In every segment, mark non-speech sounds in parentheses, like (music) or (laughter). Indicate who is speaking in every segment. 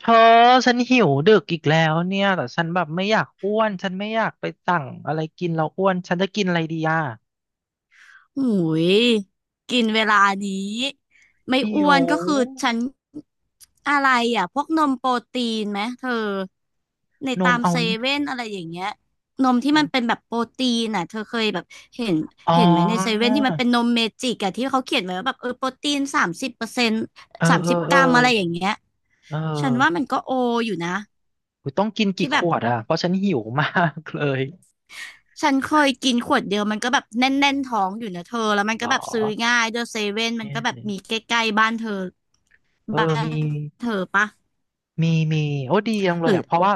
Speaker 1: เธอฉันหิวดึกอีกแล้วเนี่ยแต่ฉันแบบไม่อยากอ้วนฉันไม่อยากไปสั่งอะไรกินแล้วอ้วนฉันจะกินอะไรดีอ่ะ
Speaker 2: หุยกินเวลานี้ไม่
Speaker 1: หิ
Speaker 2: อ้
Speaker 1: ว
Speaker 2: วนก็คือฉันอะไรอ่ะพวกนมโปรตีนไหมเธอใน
Speaker 1: นม
Speaker 2: ตาม
Speaker 1: เอา
Speaker 2: เซเว่นอะไรอย่างเงี้ยนมที่มันเป็นแบบโปรตีนอ่ะเธอเคยแบบเห็น
Speaker 1: อ๋อ
Speaker 2: เห็นไหมในเซเว่นที่มันเป็นนมเมจิกอ่ะที่เขาเขียนไว้ว่าแบบเออโปรตีน30%
Speaker 1: เออ
Speaker 2: สาม
Speaker 1: เออ
Speaker 2: สิบ
Speaker 1: เอ
Speaker 2: ก
Speaker 1: อ
Speaker 2: รัมอะไรอย่างเงี้ย
Speaker 1: เอ
Speaker 2: ฉันว่ามั
Speaker 1: อ
Speaker 2: นก็โออยู่นะ
Speaker 1: อุ๊ยต้องกินกี่
Speaker 2: ที่
Speaker 1: ข
Speaker 2: แบบ
Speaker 1: วดอ่ะเพราะฉันหิวมากเลย
Speaker 2: ฉันเคยกินขวดเดียวมันก็แบบแน่นๆท้องอยู่นะเธอแล้วมัน
Speaker 1: เหร
Speaker 2: ก็
Speaker 1: อ
Speaker 2: แบบซื้อง่ายเดอะเซเว่นมัน
Speaker 1: เนี่ย
Speaker 2: ก็แบบมีใกล้ๆบ้านเธอ
Speaker 1: เออ
Speaker 2: บ้าน
Speaker 1: มี
Speaker 2: เธอปะ
Speaker 1: มีมีโอ้ดีจังเล
Speaker 2: ห
Speaker 1: ย
Speaker 2: รือ
Speaker 1: อ่ะเพราะว่า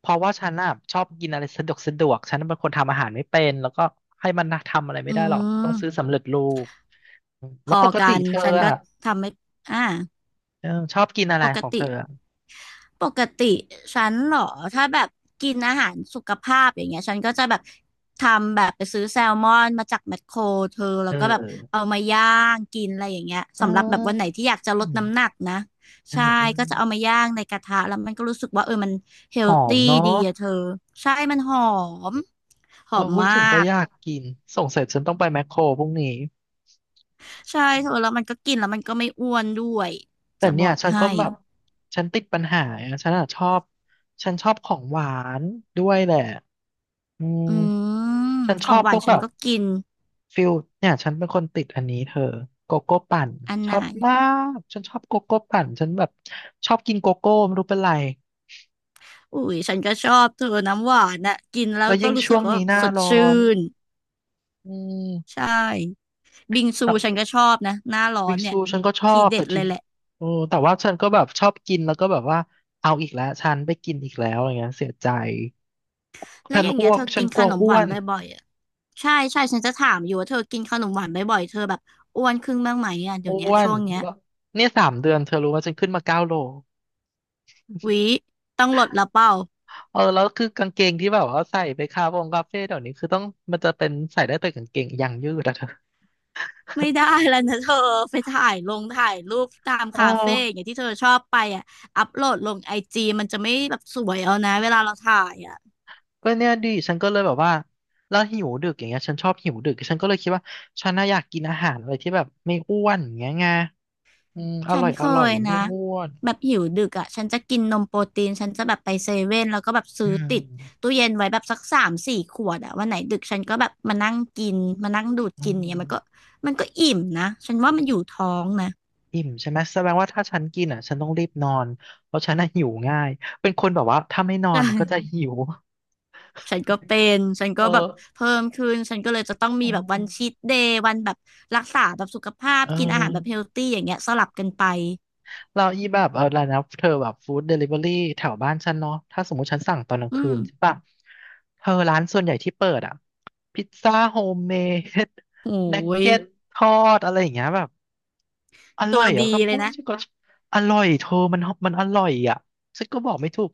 Speaker 1: เพราะว่าฉันอ่ะชอบกินอะไรสะดวกสะดวกฉันเป็นคนทำอาหารไม่เป็นแล้วก็ให้มันทำอะไรไม่
Speaker 2: อื
Speaker 1: ได้หรอกต้องซื้อ
Speaker 2: ม
Speaker 1: สำเร็จรูป
Speaker 2: พ
Speaker 1: แล้ว
Speaker 2: อ
Speaker 1: ปก
Speaker 2: กั
Speaker 1: ติ
Speaker 2: น
Speaker 1: เธอ
Speaker 2: ฉันก็
Speaker 1: อ่ะ
Speaker 2: ทำไม่อ่า
Speaker 1: เออชอบกินอะไร
Speaker 2: ป
Speaker 1: ของ
Speaker 2: ก
Speaker 1: เธ
Speaker 2: ติ
Speaker 1: ออะ
Speaker 2: ปกติฉันเหรอถ้าแบบกินอาหารสุขภาพอย่างเงี้ยฉันก็จะแบบทำแบบไปซื้อแซลมอนมาจากแมคโครเธอ
Speaker 1: เอ
Speaker 2: แล้วก็แบบเอา
Speaker 1: อ
Speaker 2: มาย่างกินอะไรอย่างเงี้ย
Speaker 1: อื
Speaker 2: สำหรับแบบวันไหนที่อยากจะลดน้ำห
Speaker 1: ม
Speaker 2: นักนะ
Speaker 1: เออ
Speaker 2: ใช่
Speaker 1: เออ
Speaker 2: ก็จะเอามาย่างในกระทะแล้วมันก็รู้สึกว่าเออมันเฮ
Speaker 1: ห
Speaker 2: ล
Speaker 1: อม
Speaker 2: ตี้ดี
Speaker 1: เนาะ
Speaker 2: อะเธอใช่มันหอมห
Speaker 1: โอ้
Speaker 2: อม
Speaker 1: พูดถึง
Speaker 2: มา
Speaker 1: ก็
Speaker 2: ก
Speaker 1: อยากกินสงสัยฉันต้องไปแมคโครพรุ่งนี้
Speaker 2: ใช่เธอแล้วมันก็กินแล้วมันก็ไม่อ้วนด้วย
Speaker 1: แต่
Speaker 2: จะบ
Speaker 1: เนี่
Speaker 2: อ
Speaker 1: ย
Speaker 2: ก
Speaker 1: ฉัน
Speaker 2: ให้
Speaker 1: ก็แบบฉันติดปัญหาอะฉันอ่ะชอบฉันชอบของหวานด้วยแหละอืม
Speaker 2: อืม
Speaker 1: ฉัน
Speaker 2: ข
Speaker 1: ช
Speaker 2: อ
Speaker 1: อ
Speaker 2: ง
Speaker 1: บ
Speaker 2: ห
Speaker 1: พ
Speaker 2: วาน
Speaker 1: วก
Speaker 2: ฉั
Speaker 1: แบ
Speaker 2: น
Speaker 1: บ
Speaker 2: ก็กิน
Speaker 1: ฟิลเนี่ยฉันเป็นคนติดอันนี้เธอโกโก้ปั่น
Speaker 2: อัน
Speaker 1: ช
Speaker 2: ไหน
Speaker 1: อบมากฉันชอบโกโก้ปั่นฉันแบบชอบกินโกโก้ไม่รู้เป็นไร
Speaker 2: อุ้ยฉันก็ชอบเธอน้ำหวานน่ะกินแล้ว
Speaker 1: แล้ว
Speaker 2: ก็
Speaker 1: ยิ่ง
Speaker 2: รู้สึ
Speaker 1: ช่ว
Speaker 2: ก
Speaker 1: ง
Speaker 2: ว่า
Speaker 1: นี้หน้า
Speaker 2: สด
Speaker 1: ร้อ
Speaker 2: ชื่
Speaker 1: น
Speaker 2: น
Speaker 1: อืม
Speaker 2: ใช่บิงซูฉัน
Speaker 1: แต่
Speaker 2: ก็ชอบนะหน้าร้อ
Speaker 1: บิ
Speaker 2: น
Speaker 1: ง
Speaker 2: เนี่
Speaker 1: ซู
Speaker 2: ย
Speaker 1: ฉันก็ชอ
Speaker 2: ที
Speaker 1: บ
Speaker 2: เด็
Speaker 1: แต่
Speaker 2: ด
Speaker 1: ที
Speaker 2: เลยแหละ
Speaker 1: โอ้แต่ว่าฉันก็แบบชอบกินแล้วก็แบบว่าเอาอีกแล้วฉันไปกินอีกแล้วอย่างเงี้ยเสียใจ
Speaker 2: แล้ว
Speaker 1: ฉัน
Speaker 2: อย่างเงี้
Speaker 1: อ้
Speaker 2: ย
Speaker 1: วก
Speaker 2: เธอ
Speaker 1: ฉั
Speaker 2: กิ
Speaker 1: น
Speaker 2: น
Speaker 1: ก
Speaker 2: ข
Speaker 1: ลัว
Speaker 2: นมห
Speaker 1: อ้ว
Speaker 2: วาน
Speaker 1: น
Speaker 2: บ่อยๆอ่ะใช่ใช่ฉันจะถามอยู่ว่าเธอกินขนมหวานบ่อยๆเธอแบบอ้วนขึ้นบ้างไหมอ่ะเดี๋ย
Speaker 1: อ้
Speaker 2: วเนี้ย
Speaker 1: วน
Speaker 2: ช่วงเนี้ย
Speaker 1: แล้วเนี่ย3 เดือนเธอรู้ว่าฉันขึ้นมา9 โล
Speaker 2: หวิต้องลดละเปล่า
Speaker 1: เออแล้วคือกางเกงที่แบบว่าใส่ไปคาเฟ่เดี๋ยวนี้คือต้องมันจะเป็นใส่ได้แต่กางเกงยางยืดอะเธอ
Speaker 2: ไม่ได้แล้วนะเธอ (laughs) ไปถ่ายลงถ่ายรูปตาม
Speaker 1: เอ
Speaker 2: คาเฟ่อย่าง
Speaker 1: อ
Speaker 2: เงี้ยที่เธอชอบไปอ่ะอัพโหลดลงไอจีมันจะไม่แบบสวยเอานะเวลาเราถ่ายอ่ะ
Speaker 1: ก็เนี่ยดิฉันก็เลยแบบว่าแล้วหิวดึกอย่างเงี้ยฉันชอบหิวดึกฉันก็เลยคิดว่าฉันน่าอยากกินอาหารอะไรที่แบบไม่อ้วนอย่างเงี้ยไงอืมอ
Speaker 2: ฉั
Speaker 1: ร่
Speaker 2: น
Speaker 1: อยอ
Speaker 2: เค
Speaker 1: ร่อย
Speaker 2: ยนะ
Speaker 1: ไม่อ้วน
Speaker 2: แบบหิวดึกอ่ะฉันจะกินนมโปรตีนฉันจะแบบไปเซเว่นแล้วก็แบบซื้
Speaker 1: อื
Speaker 2: อติด
Speaker 1: ม
Speaker 2: ตู้เย็นไว้แบบสักสามสี่ขวดอ่ะวันไหนดึกฉันก็แบบมานั่งกินมานั่งดูด
Speaker 1: อื
Speaker 2: กินเนี่ยมันก็
Speaker 1: ม
Speaker 2: มันก็อิ่มนะฉันว่ามันอยู่ท้องนะ
Speaker 1: อิ่มใช่ไหมแสดงว่าถ้าฉันกินอ่ะฉันต้องรีบนอนเพราะฉันน่ะหิวง่ายเป็นคนแบบว่าถ้าไม่นอ
Speaker 2: ใ
Speaker 1: นก็จะ
Speaker 2: ช่
Speaker 1: หิว
Speaker 2: ฉันก็เป็นฉัน
Speaker 1: เอ
Speaker 2: ก็
Speaker 1: อ
Speaker 2: แบบเพิ่มขึ้นฉันก็เลยจะต้องมี
Speaker 1: อื
Speaker 2: แบบวันชี
Speaker 1: ม
Speaker 2: ทเดย์วันแบบรักษาแบบสุขภาพ
Speaker 1: เอ
Speaker 2: กินอาหารแบบเฮ
Speaker 1: อ
Speaker 2: ลตี้อย่างเงี้ยสลับกันไป
Speaker 1: เราอีแบบเออแล้วนะเธอแบบฟู้ดเดลิเวอรี่แถวบ้านฉันเนาะถ้าสมมติฉันสั่งตอนกลาง
Speaker 2: อื
Speaker 1: คื
Speaker 2: ม
Speaker 1: นใช่ปะเธอร้านส่วนใหญ่ที่เปิดอ่ะพิซซ่าโฮมเมด
Speaker 2: โอ้
Speaker 1: นัอืก (laughs) ม
Speaker 2: ย
Speaker 1: เก็ตทอดอะไรอย่างเงี้ยแบบอ
Speaker 2: ตั
Speaker 1: ร่อ
Speaker 2: ว
Speaker 1: ยอ่ะอ
Speaker 2: ดี
Speaker 1: ถ้า
Speaker 2: เล
Speaker 1: พู
Speaker 2: ย
Speaker 1: ดี
Speaker 2: นะ
Speaker 1: ฉันก็ะอร่อยเธอมันมันอร่อยอ่ะฉันก็บอกไม่ถูก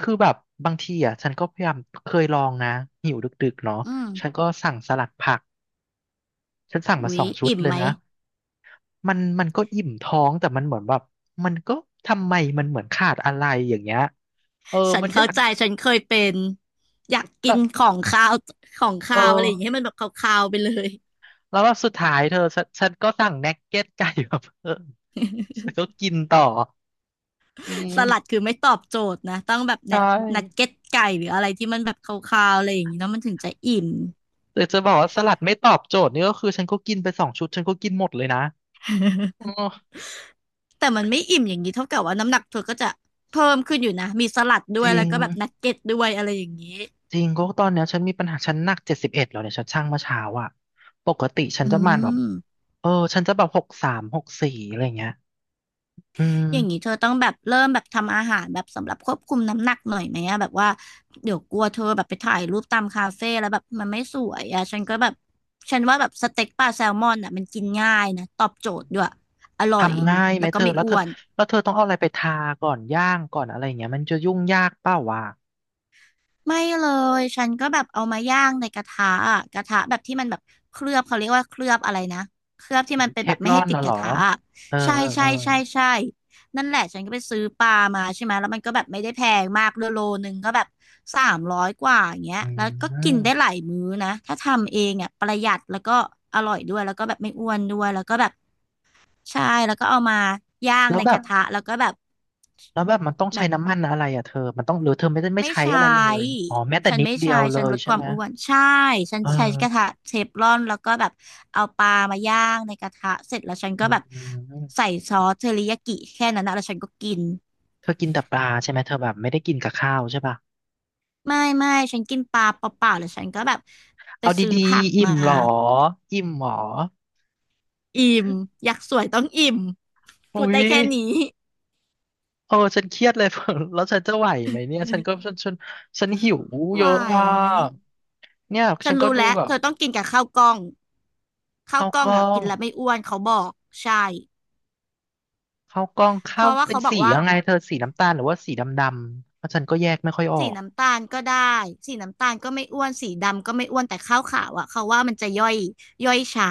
Speaker 1: คือแบบบางทีอ่ะฉันก็พยายามเคยลองนะหิวดึกๆเนาะ
Speaker 2: อืม
Speaker 1: ฉันก็สั่งสลัดผักฉันสั่งมา
Speaker 2: อุ๊
Speaker 1: ส
Speaker 2: ย
Speaker 1: องชุด
Speaker 2: อิ่ม
Speaker 1: เลย
Speaker 2: ไหม
Speaker 1: นะ มันมันก็อิ่มท้องแต่มันเหมือนแบบมันก็ทำไมมันเหมือนขาดอะไรอย่างเงี้ยเออ
Speaker 2: ฉัน
Speaker 1: มันอ
Speaker 2: เข้า
Speaker 1: ยาก
Speaker 2: ใจฉันเคยเป็นอยากกิ
Speaker 1: แบ
Speaker 2: น
Speaker 1: บ
Speaker 2: ของคาวของ
Speaker 1: เอ
Speaker 2: คา
Speaker 1: อ
Speaker 2: วอะไรอย่างเงี้ยให้มันแบบคาวๆไปเลย
Speaker 1: แล้วแบบสุดท้ายเธอฉันฉันก็สั่งนักเก็ตไก่มา (laughs) เพิ่มฉันก็กินต่ออื
Speaker 2: (laughs)
Speaker 1: ม
Speaker 2: สลัดคือไม่ตอบโจทย์นะต้องแบบ
Speaker 1: ใช่
Speaker 2: นัดเก็ตไก่หรืออะไรที่มันแบบคาวๆอะไรอย่างงี้เนาะมันถึงจะอิ่ม
Speaker 1: แต่จะบอกว่าสลัดไม่ตอบโจทย์นี่ก็คือฉันก็กินไปสองชุดฉันก็กินหมดเลยนะอ๋
Speaker 2: (laughs)
Speaker 1: อ
Speaker 2: แต่มันไม่อิ่มอย่างนี้เท่ากับว่าน้ำหนักเธอก็จะเพิ่มขึ้นอยู่นะมีสลัด
Speaker 1: จ
Speaker 2: ด้วย
Speaker 1: ริ
Speaker 2: แล้ว
Speaker 1: ง
Speaker 2: ก็แบบนักเก็ตด้วยอะไรอย่างนี้
Speaker 1: จริงก็ตอนเนี้ยฉันมีปัญหาฉันหนัก71แล้วเนี่ยฉันชั่งเมื่อเช้าอ่ะปกติฉัน
Speaker 2: อื
Speaker 1: จะประมาณแบบ
Speaker 2: ม
Speaker 1: เออฉันจะแบบ63 64อะไรเงี้ยอืม
Speaker 2: อย่างนี้เธอต้องแบบเริ่มแบบทำอาหารแบบสำหรับควบคุมน้ำหนักหน่อยไหมอะแบบว่าเดี๋ยวกลัวเธอแบบไปถ่ายรูปตามคาเฟ่แล้วแบบมันไม่สวยอะฉันก็แบบฉันว่าแบบสเต็กปลาแซลมอนอะมันกินง่ายนะตอบโจทย์ด้วยอร่อย
Speaker 1: ทำง่ายไหม
Speaker 2: แล้ว
Speaker 1: เธ
Speaker 2: ก็
Speaker 1: อ
Speaker 2: ไม่
Speaker 1: แล้วเธ
Speaker 2: อ้
Speaker 1: อ
Speaker 2: วน
Speaker 1: แล้วเธอต้องเอาอะไรไปทาก่อนย่างก่อนอะไรอย่างเงี้ยมันจะยุ่งยากเปล่าวะ
Speaker 2: ไม่เลยฉันก็แบบเอามาย่างในกระทะอะกระทะแบบที่มันแบบเคลือบเขาเรียกว่าเคลือบอะไรนะเคลือบที่
Speaker 1: อัน
Speaker 2: มัน
Speaker 1: นี้
Speaker 2: เป็
Speaker 1: เท
Speaker 2: นแบ
Speaker 1: ฟ
Speaker 2: บไม่
Speaker 1: ลอ
Speaker 2: ให้
Speaker 1: น
Speaker 2: ติด
Speaker 1: น่ะ
Speaker 2: ก
Speaker 1: เหร
Speaker 2: ระ
Speaker 1: อ
Speaker 2: ทะอะ
Speaker 1: เออ
Speaker 2: ใช่
Speaker 1: เออเอ
Speaker 2: ใช่
Speaker 1: อ
Speaker 2: ใช่ใช่นั่นแหละฉันก็ไปซื้อปลามาใช่ไหมแล้วมันก็แบบไม่ได้แพงมากด้วยโลนึงก็แบบ300กว่าอย่างเงี้ย
Speaker 1: อื
Speaker 2: แล้วก็กินได้หลา
Speaker 1: ม
Speaker 2: ยมื้อนะถ้าทำเองอ่ะประหยัดแล้วก็อร่อยด้วยแล้วก็แบบไม่อ้วนด้วยแล้วก็แบบใช่แล้วก็เอามาย่าง
Speaker 1: แล้ว
Speaker 2: ใน
Speaker 1: แบ
Speaker 2: ก
Speaker 1: บ
Speaker 2: ระทะแล้วก็แบบ
Speaker 1: แล้วแบบมันต้องใช้
Speaker 2: แบบ
Speaker 1: น้ำมันอะไรอ่ะเธอมันต้องหรือเธอไม่ได้ไม่
Speaker 2: ไม่
Speaker 1: ใช้
Speaker 2: ใช
Speaker 1: อะไรเลย
Speaker 2: ้
Speaker 1: อ๋อแม้แต่
Speaker 2: ฉัน
Speaker 1: นิด
Speaker 2: ไม่
Speaker 1: เดีย
Speaker 2: ใช้
Speaker 1: วเล
Speaker 2: ฉัน
Speaker 1: ย
Speaker 2: ลด
Speaker 1: ใช่
Speaker 2: ความ
Speaker 1: ไหม
Speaker 2: อ้วนใช่ ฉัน
Speaker 1: เอ
Speaker 2: ใช้กระ
Speaker 1: อ
Speaker 2: ทะเทฟลอนแล้วก็แบบเอาปลามาย่างในกระทะเสร็จแล้วฉันก็
Speaker 1: อื
Speaker 2: แบบ
Speaker 1: ม
Speaker 2: ใส่ซอสเทอริยากิแค่นั้นนะแล้วฉันก็กิน
Speaker 1: เธอกินแต่ปลาใช่ไหมเธอแบบไม่ได้กินกับข้าวใช่ป่ะ
Speaker 2: ไม่ไม่ฉันกินปลาเปล่าๆหรือฉันก็แบบไป
Speaker 1: เอา
Speaker 2: ซื้อ
Speaker 1: ดี
Speaker 2: ผัก
Speaker 1: ๆอิ่
Speaker 2: มา
Speaker 1: มเหรออิ่มเหรอ
Speaker 2: อิ่มอยากสวยต้องอิ่ม
Speaker 1: อุ้
Speaker 2: พูด
Speaker 1: ย
Speaker 2: ได้แค่นี้
Speaker 1: เออฉันเครียดเลย (laughs) แล้วฉันจะไหวไหมเนี่ยฉันก็ฉันฉันหิวเย
Speaker 2: ไหว
Speaker 1: อะอ่ะเนี่ย
Speaker 2: ฉั
Speaker 1: ฉั
Speaker 2: น
Speaker 1: นก็
Speaker 2: รู้
Speaker 1: ดู
Speaker 2: แล้ว
Speaker 1: แบบ
Speaker 2: เธอต้องกินกับข้าวกล้องข้าว
Speaker 1: ข้าว
Speaker 2: กล้
Speaker 1: ก
Speaker 2: อง
Speaker 1: ล้อ
Speaker 2: อ่ะกิ
Speaker 1: ง
Speaker 2: นแล้วไม่อ้วนเขาบอกใช่
Speaker 1: ข้าวกล้อง
Speaker 2: เพ
Speaker 1: ข้าว
Speaker 2: ราะว่า
Speaker 1: เป็น
Speaker 2: เขาบอ
Speaker 1: สี
Speaker 2: กว่า
Speaker 1: ยังไงเธอสีน้ำตาลหรือว่าสีดำดำเพราะฉันก็แยกไม่ค่อยอ
Speaker 2: สี
Speaker 1: อก
Speaker 2: น้ำตาลก็ได้สีน้ำตาลก็ไม่อ้วนสีดำก็ไม่อ้วนแต่ข้าวขาวอ่ะเขาว่ามันจะย่อยช้า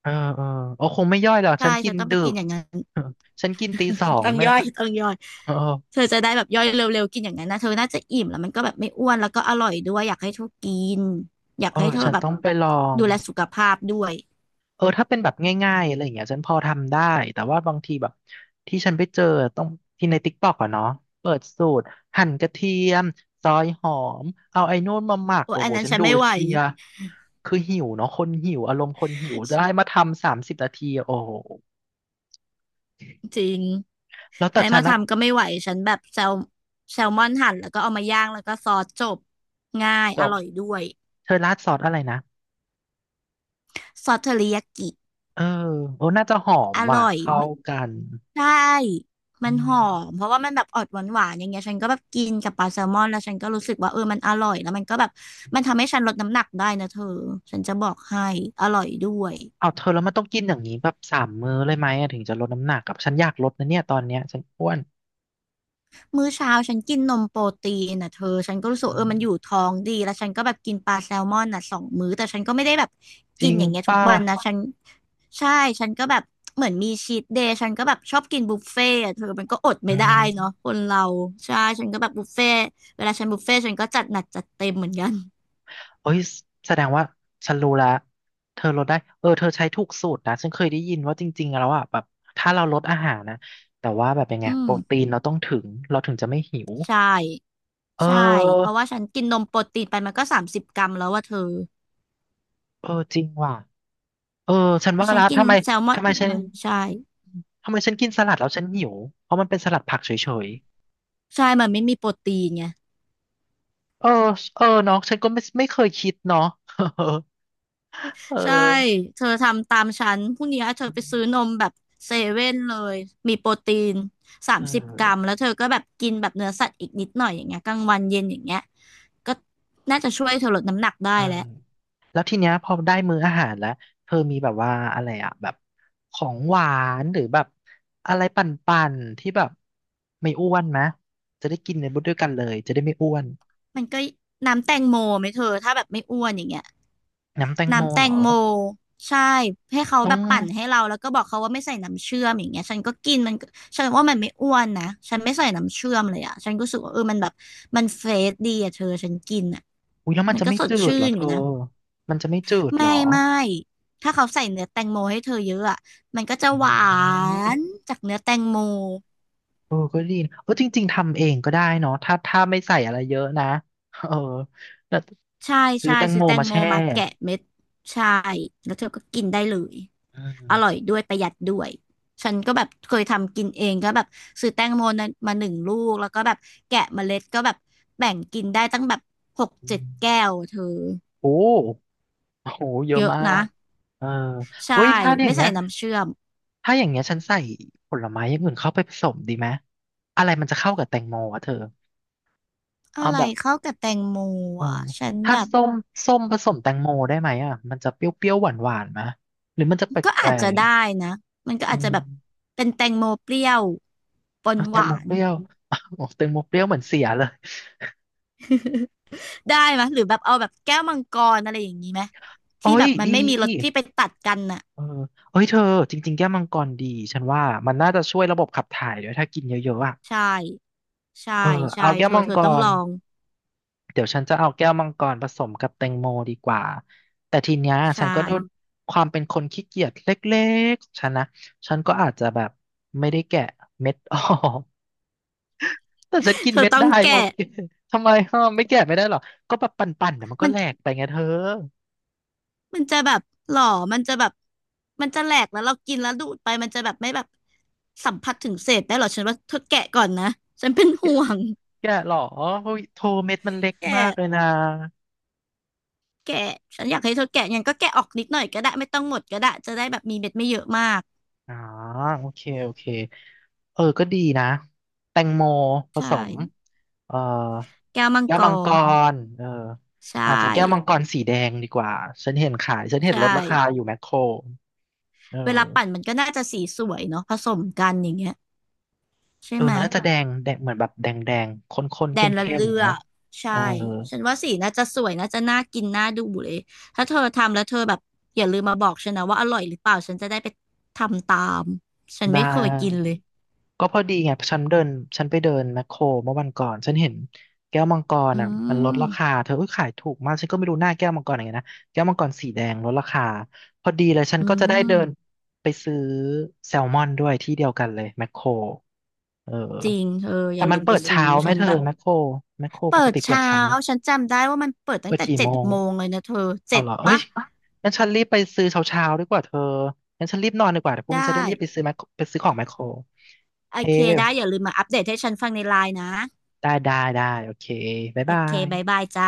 Speaker 1: เออเออเออคงไม่ย่อยหรอก
Speaker 2: ใช่
Speaker 1: ฉันกิ
Speaker 2: เธอ
Speaker 1: น
Speaker 2: ต้องไป
Speaker 1: ดึ
Speaker 2: กิ
Speaker 1: ก
Speaker 2: นอย่างนั้น
Speaker 1: (laughs) ฉันกินตีสอ
Speaker 2: (laughs)
Speaker 1: ง
Speaker 2: ต้อง
Speaker 1: ไม่
Speaker 2: ย่
Speaker 1: นะ
Speaker 2: อยต้องย่อย
Speaker 1: เออ
Speaker 2: เธอจะได้แบบย่อยเร็วๆกินอย่างนั้นนะเธอน่าจะอิ่มแล้วมันก็แบบไม่อ้วนแล้วก็อร่อยด้วยอยากให้เธอกินอยาก
Speaker 1: เออ
Speaker 2: ให้เธอ
Speaker 1: ฉัน
Speaker 2: แบบ
Speaker 1: ต้องไปลอง
Speaker 2: ดูแลสุขภาพด้วย
Speaker 1: เออถ้าเป็นแบบง่ายๆอะไรอย่างเงี้ยฉันพอทำได้แต่ว่าบางทีแบบที่ฉันไปเจอต้องที่ในติ๊กต็อกอะเนาะเปิดสูตรหั่นกระเทียมซอยหอมเอาไอ้นู่นมาหมัก
Speaker 2: โอ้ย
Speaker 1: โอ้
Speaker 2: อั
Speaker 1: โห
Speaker 2: นนั้น
Speaker 1: ฉัน
Speaker 2: ฉัน
Speaker 1: ดู
Speaker 2: ไม่
Speaker 1: แล้ว
Speaker 2: ไหว
Speaker 1: เพลียคือหิวเนาะคนหิวอารมณ์คนหิวจะให้มาทำ30 นาทีโอ้โห
Speaker 2: จริง
Speaker 1: แล้วแต่
Speaker 2: ให้
Speaker 1: ฉั
Speaker 2: มา
Speaker 1: นนะ
Speaker 2: ทำก็ไม่ไหวฉันแบบแซลมอนหั่นแล้วก็เอามาย่างแล้วก็ซอสจบง่าย
Speaker 1: จ
Speaker 2: อ
Speaker 1: บ
Speaker 2: ร่อยด้วย
Speaker 1: เธอราดซอสอะไรนะ
Speaker 2: ซอสเทอริยากิ
Speaker 1: เออโอ้น่าจะหอม
Speaker 2: อ
Speaker 1: ว่ะ
Speaker 2: ร่อย
Speaker 1: เข้า
Speaker 2: มัน
Speaker 1: กัน
Speaker 2: ใช่
Speaker 1: อื
Speaker 2: มันห
Speaker 1: ม
Speaker 2: อมเพราะว่ามันแบบออกหวานหวานอย่างเงี้ยฉันก็แบบกินกับปลาแซลมอนแล้วฉันก็รู้สึกว่าเออมันอร่อยแล้วมันก็แบบมันทำให้ฉันลดน้ำหนักได้นะเธอฉันจะบอกให้อร่อยด้วย
Speaker 1: เอาเธอแล้วมันต้องกินอย่างนี้แบบ3 มื้อเลยไหมอะถึงจะลดน้ำหนักกับฉันอยากลดนะเนี่ยตอนเนี้ยฉันอ้วน
Speaker 2: มื้อเช้าฉันกินนมโปรตีนนะเธอฉันก็รู้สึกเออมันอยู่ท้องดีแล้วฉันก็แบบกินปลาแซลมอนน่ะสองมื้อแต่ฉันก็ไม่ได้แบบ
Speaker 1: จ
Speaker 2: กิ
Speaker 1: ริ
Speaker 2: น
Speaker 1: ง
Speaker 2: อย่างเงี้ยทุก
Speaker 1: ป่ะ
Speaker 2: วันนะฉัน ใช่ฉันก็แบบเหมือนมีชีทเดย์ฉันก็แบบชอบกินบุฟเฟ่ต์อะเธอมันก็อด
Speaker 1: อื
Speaker 2: ไม่ได้เนาะ
Speaker 1: ม
Speaker 2: คนเราใช่ฉันก็แบบบุฟเฟ่ต์เวลาฉันบุฟเฟ่ต์ฉันก็จัดหนักจัดเต็มเหมือนกัน
Speaker 1: เอ้ยแสดงว่าฉันรู้แล้ว เธอลดได้เออเธอใช้ถูกสูตรนะฉันเคยได้ยินว่าจริงๆแล้วอ่ะแบบถ้าเราลดอาหารนะ แต่ว่าแบบยังไง
Speaker 2: อื
Speaker 1: โป
Speaker 2: ม
Speaker 1: รตีนเราต้องเราถึงจะไม่หิว
Speaker 2: ใช่
Speaker 1: เ
Speaker 2: ใช่เพ
Speaker 1: ออ
Speaker 2: ราะว่าฉันกินนมโปรตีนไปมันก็สามสิบกรัมแล้วว่าเธอ
Speaker 1: เออจริงว่ะเออฉัน
Speaker 2: แล้
Speaker 1: ว่า
Speaker 2: วฉัน
Speaker 1: และ
Speaker 2: กิน
Speaker 1: ทำไม
Speaker 2: แซลมอน
Speaker 1: ทำไม
Speaker 2: อีก
Speaker 1: ฉัน
Speaker 2: หน่อยใช่
Speaker 1: ทำไมฉันกินสลัดแล้วฉันหิวเพราะมันเป็นสลัดผักเฉย
Speaker 2: ใช่มันไม่มีโปรตีนไง
Speaker 1: ๆเออเออเนาะฉันก็ไม่เคยคิดเนาะ (laughs) เออ
Speaker 2: ใช่ เธอทำตามฉันพรุ่งนี้เธอไปซื้อนมแบบเซเว่นเลย มีโปรตีน30 กรัม
Speaker 1: อ
Speaker 2: แล้วเธอก็แบบกินแบบเนื้อสัตว์อีกนิดหน่อยอย่างเงี้ยกลางวันเย็นอย่างเงี้ยก็น่าจะช่วยเธอลดน้ำหนัก
Speaker 1: เอ
Speaker 2: ได้
Speaker 1: อ
Speaker 2: แล้ว
Speaker 1: แล้วทีเนี้ยพอได้มื้ออาหารแล้วเธอมีแบบว่าอะไรอะแบบของหวานหรือแบบอะไรปั่นๆที่แบบไม่อ้วนไหมจะได้กินในบุดด้วยกันเลยจะได้ไม่อ้วน
Speaker 2: มันก็น้ำแตงโมไหมเธอถ้าแบบไม่อ้วนอย่างเงี้ย
Speaker 1: น้ำแตงโม
Speaker 2: น้ำแต
Speaker 1: เหรอ
Speaker 2: งโมใช่ให้เขา
Speaker 1: ต้อ
Speaker 2: แบ
Speaker 1: ง
Speaker 2: บปั่นให้เราแล้วก็บอกเขาว่าไม่ใส่น้ำเชื่อมอย่างเงี้ยฉันก็กินมันก็ฉันว่ามันไม่อ้วนนะฉันไม่ใส่น้ำเชื่อมเลยอ่ะฉันก็รู้สึกว่าเออมันแบบมันเฟรชดีอ่ะเธอฉันกินอ่ะ
Speaker 1: อุ้ยแล้วมัน
Speaker 2: มัน
Speaker 1: จะ
Speaker 2: ก็
Speaker 1: ไม่
Speaker 2: สด
Speaker 1: จืด
Speaker 2: ชื่
Speaker 1: เหรอ
Speaker 2: น
Speaker 1: เธ
Speaker 2: อยู่
Speaker 1: อ
Speaker 2: นะ
Speaker 1: มันจะไม่จืดเหร
Speaker 2: ไม่
Speaker 1: อ
Speaker 2: ไม่ถ้าเขาใส่เนื้อแตงโมให้เธอเยอะอ่ะมันก็จะ
Speaker 1: อื
Speaker 2: หวา
Speaker 1: ม
Speaker 2: นจากเนื้อแตงโม
Speaker 1: เออก็ดีนะเออจริงๆทำเองก็ได้เนาะถ้าไม่ใส่อะไรเยอะนะเออแล้ว
Speaker 2: ใช่
Speaker 1: ซื้อ
Speaker 2: ใช่
Speaker 1: แตง
Speaker 2: ซื้
Speaker 1: โม
Speaker 2: อแตง
Speaker 1: มา
Speaker 2: โม
Speaker 1: แช่
Speaker 2: มาแกะเม็ดใช่แล้วเธอก็กินได้เลย
Speaker 1: อื
Speaker 2: อร่อย
Speaker 1: ม
Speaker 2: ด้วยประหยัดด้วยฉันก็แบบเคยทำกินเองก็แบบซื้อแตงโมนะมาหนึ่งลูกแล้วก็แบบแกะเมล็ดก็แบบแบ่งกินได้ตั้งแบบ6-7 แก้วเธอ
Speaker 1: โอ้ โอ้โหเยอะ
Speaker 2: เยอะ
Speaker 1: มา
Speaker 2: นะ
Speaker 1: กเออ
Speaker 2: ใช่
Speaker 1: โอ้ยถ้าเนี่ยอ
Speaker 2: ไม่
Speaker 1: ย่าง
Speaker 2: ใส่
Speaker 1: เงี้ย
Speaker 2: น้ำเชื่อม
Speaker 1: ถ้าอย่างเงี้ยฉันใส่ผลไม้อย่างอื่นเข้าไปผสมดีไหมอะไรมันจะเข้ากับแตงโมอ่ะเธอ
Speaker 2: อะ
Speaker 1: เอา
Speaker 2: ไร
Speaker 1: แบบ
Speaker 2: เข้ากับแตงโม
Speaker 1: เออ
Speaker 2: อ่ะฉัน
Speaker 1: ถ้า
Speaker 2: แบบ
Speaker 1: ส้มส้มผสมแตงโมได้ไหมอ่ะมันจะเปรี้ยวๆหวานๆวานไหมหรือมันจะแ
Speaker 2: ก็
Speaker 1: ปล
Speaker 2: อาจจะ
Speaker 1: ก
Speaker 2: ได้นะมันก็
Speaker 1: ๆอื
Speaker 2: อาจจะ
Speaker 1: ม
Speaker 2: แบบเป็นแตงโมเปรี้ยวปน
Speaker 1: เอาแต
Speaker 2: ห
Speaker 1: งโม
Speaker 2: วาน
Speaker 1: เปรี้ยว (laughs) อ้าวแตงโมเปรี้ยวเหมือนเสียเลย
Speaker 2: (laughs) ได้ไหมยหรือแบบเอาแบบแก้วมังกรอะไรอย่างนี้ไหม
Speaker 1: โอ้
Speaker 2: ที่แบ
Speaker 1: ย
Speaker 2: บมัน
Speaker 1: ดี
Speaker 2: ไม่มีรสที่ไปตัดกันน่ะ
Speaker 1: เออเอ้ยเธอจริงๆแก้วมังกรดีฉันว่ามันน่าจะช่วยระบบขับถ่ายด้วยถ้ากินเยอะๆอ่ะ
Speaker 2: ใช่ ใช่
Speaker 1: เออ
Speaker 2: ใช่
Speaker 1: เอาแก้
Speaker 2: เธ
Speaker 1: ว
Speaker 2: อ
Speaker 1: มัง
Speaker 2: เธอ
Speaker 1: ก
Speaker 2: ต้องล
Speaker 1: ร
Speaker 2: อง
Speaker 1: เดี๋ยวฉันจะเอาแก้วมังกรผสมกับแตงโมดีกว่า แต่ทีเนี้ยฉั
Speaker 2: ใช่
Speaker 1: นก็โดนความเป็นคนขี้เกียจเล็กๆของฉันนะฉันก็อาจจะแบบไม่ได้แกะเม็ดออก (laughs) แต่ฉันกิ
Speaker 2: (laughs)
Speaker 1: น
Speaker 2: เธอ
Speaker 1: เม็ด
Speaker 2: ต้อง
Speaker 1: ได้โอ
Speaker 2: แกะ
Speaker 1: เคทำไมฮะไม่แกะไม่ได้หรอก็แบบปั่นๆเดี๋ยวมันก็
Speaker 2: มัน
Speaker 1: แหลกไปไงเธอ
Speaker 2: มันจะแบบหล่อมันจะแบบมันจะแหลกแล้วเรากินแล้วดูดไปมันจะแบบไม่แบบสัมผัสถึงเศษได้หรอฉันว่าเธอแกะก่อนนะฉันเป็น
Speaker 1: แกะ
Speaker 2: ห่วง
Speaker 1: แกะหรอโอ้ยโทเม็ดมันเล็กมาก
Speaker 2: แกะ
Speaker 1: เลยนะ
Speaker 2: แกะฉันอยากให้เธอแกะยังก็แกะออกนิดหน่อยก็ได้ไม่ต้องหมดก็ได้จะได้แบบมีเม็ดไม่เยอะมาก
Speaker 1: อ่าโอเคเออก็ดีนะแตงโมผ
Speaker 2: ใช่
Speaker 1: สมเอ่อ
Speaker 2: แก้วมัง
Speaker 1: แก้ว
Speaker 2: ก
Speaker 1: มังก
Speaker 2: ร
Speaker 1: รเออ
Speaker 2: ใช
Speaker 1: อาจจะแก้วมัง
Speaker 2: ่
Speaker 1: กรสีแดงดีกว่าฉันเห็นขายฉันเห็น
Speaker 2: ใช่
Speaker 1: ลดราคาอยู่แมคโครเอ
Speaker 2: เวลาปั่น
Speaker 1: อ
Speaker 2: มันก็น่าจะสีสวยเนาะผสมกันอย่างเงี้ยใช่
Speaker 1: เออ
Speaker 2: ไหม
Speaker 1: มันน่าจะแดงแดงเหมือนแบบแดงแดงข้นๆ
Speaker 2: แด
Speaker 1: เข
Speaker 2: นละ
Speaker 1: ้ม
Speaker 2: เลื
Speaker 1: ๆ
Speaker 2: อ
Speaker 1: เนาะ
Speaker 2: ก
Speaker 1: เออ
Speaker 2: ใช่ฉันว่าสีน่าจะสวยน่าจะน่ากินน่าดูเลยถ้าเธอทำแล้วเธอแบบอย่าลืมมาบอกฉันนะว่าอร่อยหรือเปล่าฉันจะได้ไปทำตามฉัน
Speaker 1: ได้
Speaker 2: ไม่เคยกินเลย
Speaker 1: ก็พอดีไงฉันไปเดินแมคโครเมื่อวันก่อนฉันเห็นแก้วมังกร
Speaker 2: อื
Speaker 1: อ่ะมันลด
Speaker 2: ม
Speaker 1: ราคาเธอเอ้ยขายถูกมากฉันก็ไม่รู้หน้าแก้วมังกรอย่างไงนะแก้วมังกรสีแดงลดราคาพอดีเลยฉัน
Speaker 2: อื
Speaker 1: ก็จะได้เดิน
Speaker 2: ม
Speaker 1: ไปซื้อแซลมอนด้วยที่เดียวกันเลยแมคโครเออ
Speaker 2: จริงเธออ
Speaker 1: แต่
Speaker 2: ย่า
Speaker 1: มั
Speaker 2: ลื
Speaker 1: น
Speaker 2: ม
Speaker 1: เปิ
Speaker 2: ไป
Speaker 1: ด
Speaker 2: ซื้อ
Speaker 1: เช้าไหม
Speaker 2: ฉัน
Speaker 1: เธอ
Speaker 2: แบบ
Speaker 1: แมคโครป
Speaker 2: เปิ
Speaker 1: ก
Speaker 2: ด
Speaker 1: ติเปิด
Speaker 2: เช้า
Speaker 1: เช้า
Speaker 2: ฉันจำได้ว่ามันเปิดตั้
Speaker 1: เปิ
Speaker 2: ง
Speaker 1: ด
Speaker 2: แต่
Speaker 1: กี่
Speaker 2: เจ็
Speaker 1: โม
Speaker 2: ด
Speaker 1: ง
Speaker 2: โมงเลยนะเธอ
Speaker 1: เอา
Speaker 2: เจ็ด
Speaker 1: เหรอเอ้ย
Speaker 2: ปะ
Speaker 1: งั้นฉันรีบไปซื้อเช้าๆดีกว่าเธองั้นฉันรีบนอนดีกว่าเดี๋ยวพรุ่ง
Speaker 2: ได้
Speaker 1: นี้จะได้รีบไปซื้อแมคโครไปซื้อของแมคโครโอ
Speaker 2: โอ
Speaker 1: เค
Speaker 2: เคได้อย่าลืมมาอัปเดตให้ฉันฟังในไลน์นะ
Speaker 1: ได้ได้ได้โอเคบ๊าย
Speaker 2: โอ
Speaker 1: บา
Speaker 2: เค
Speaker 1: ย
Speaker 2: บายบายจ้า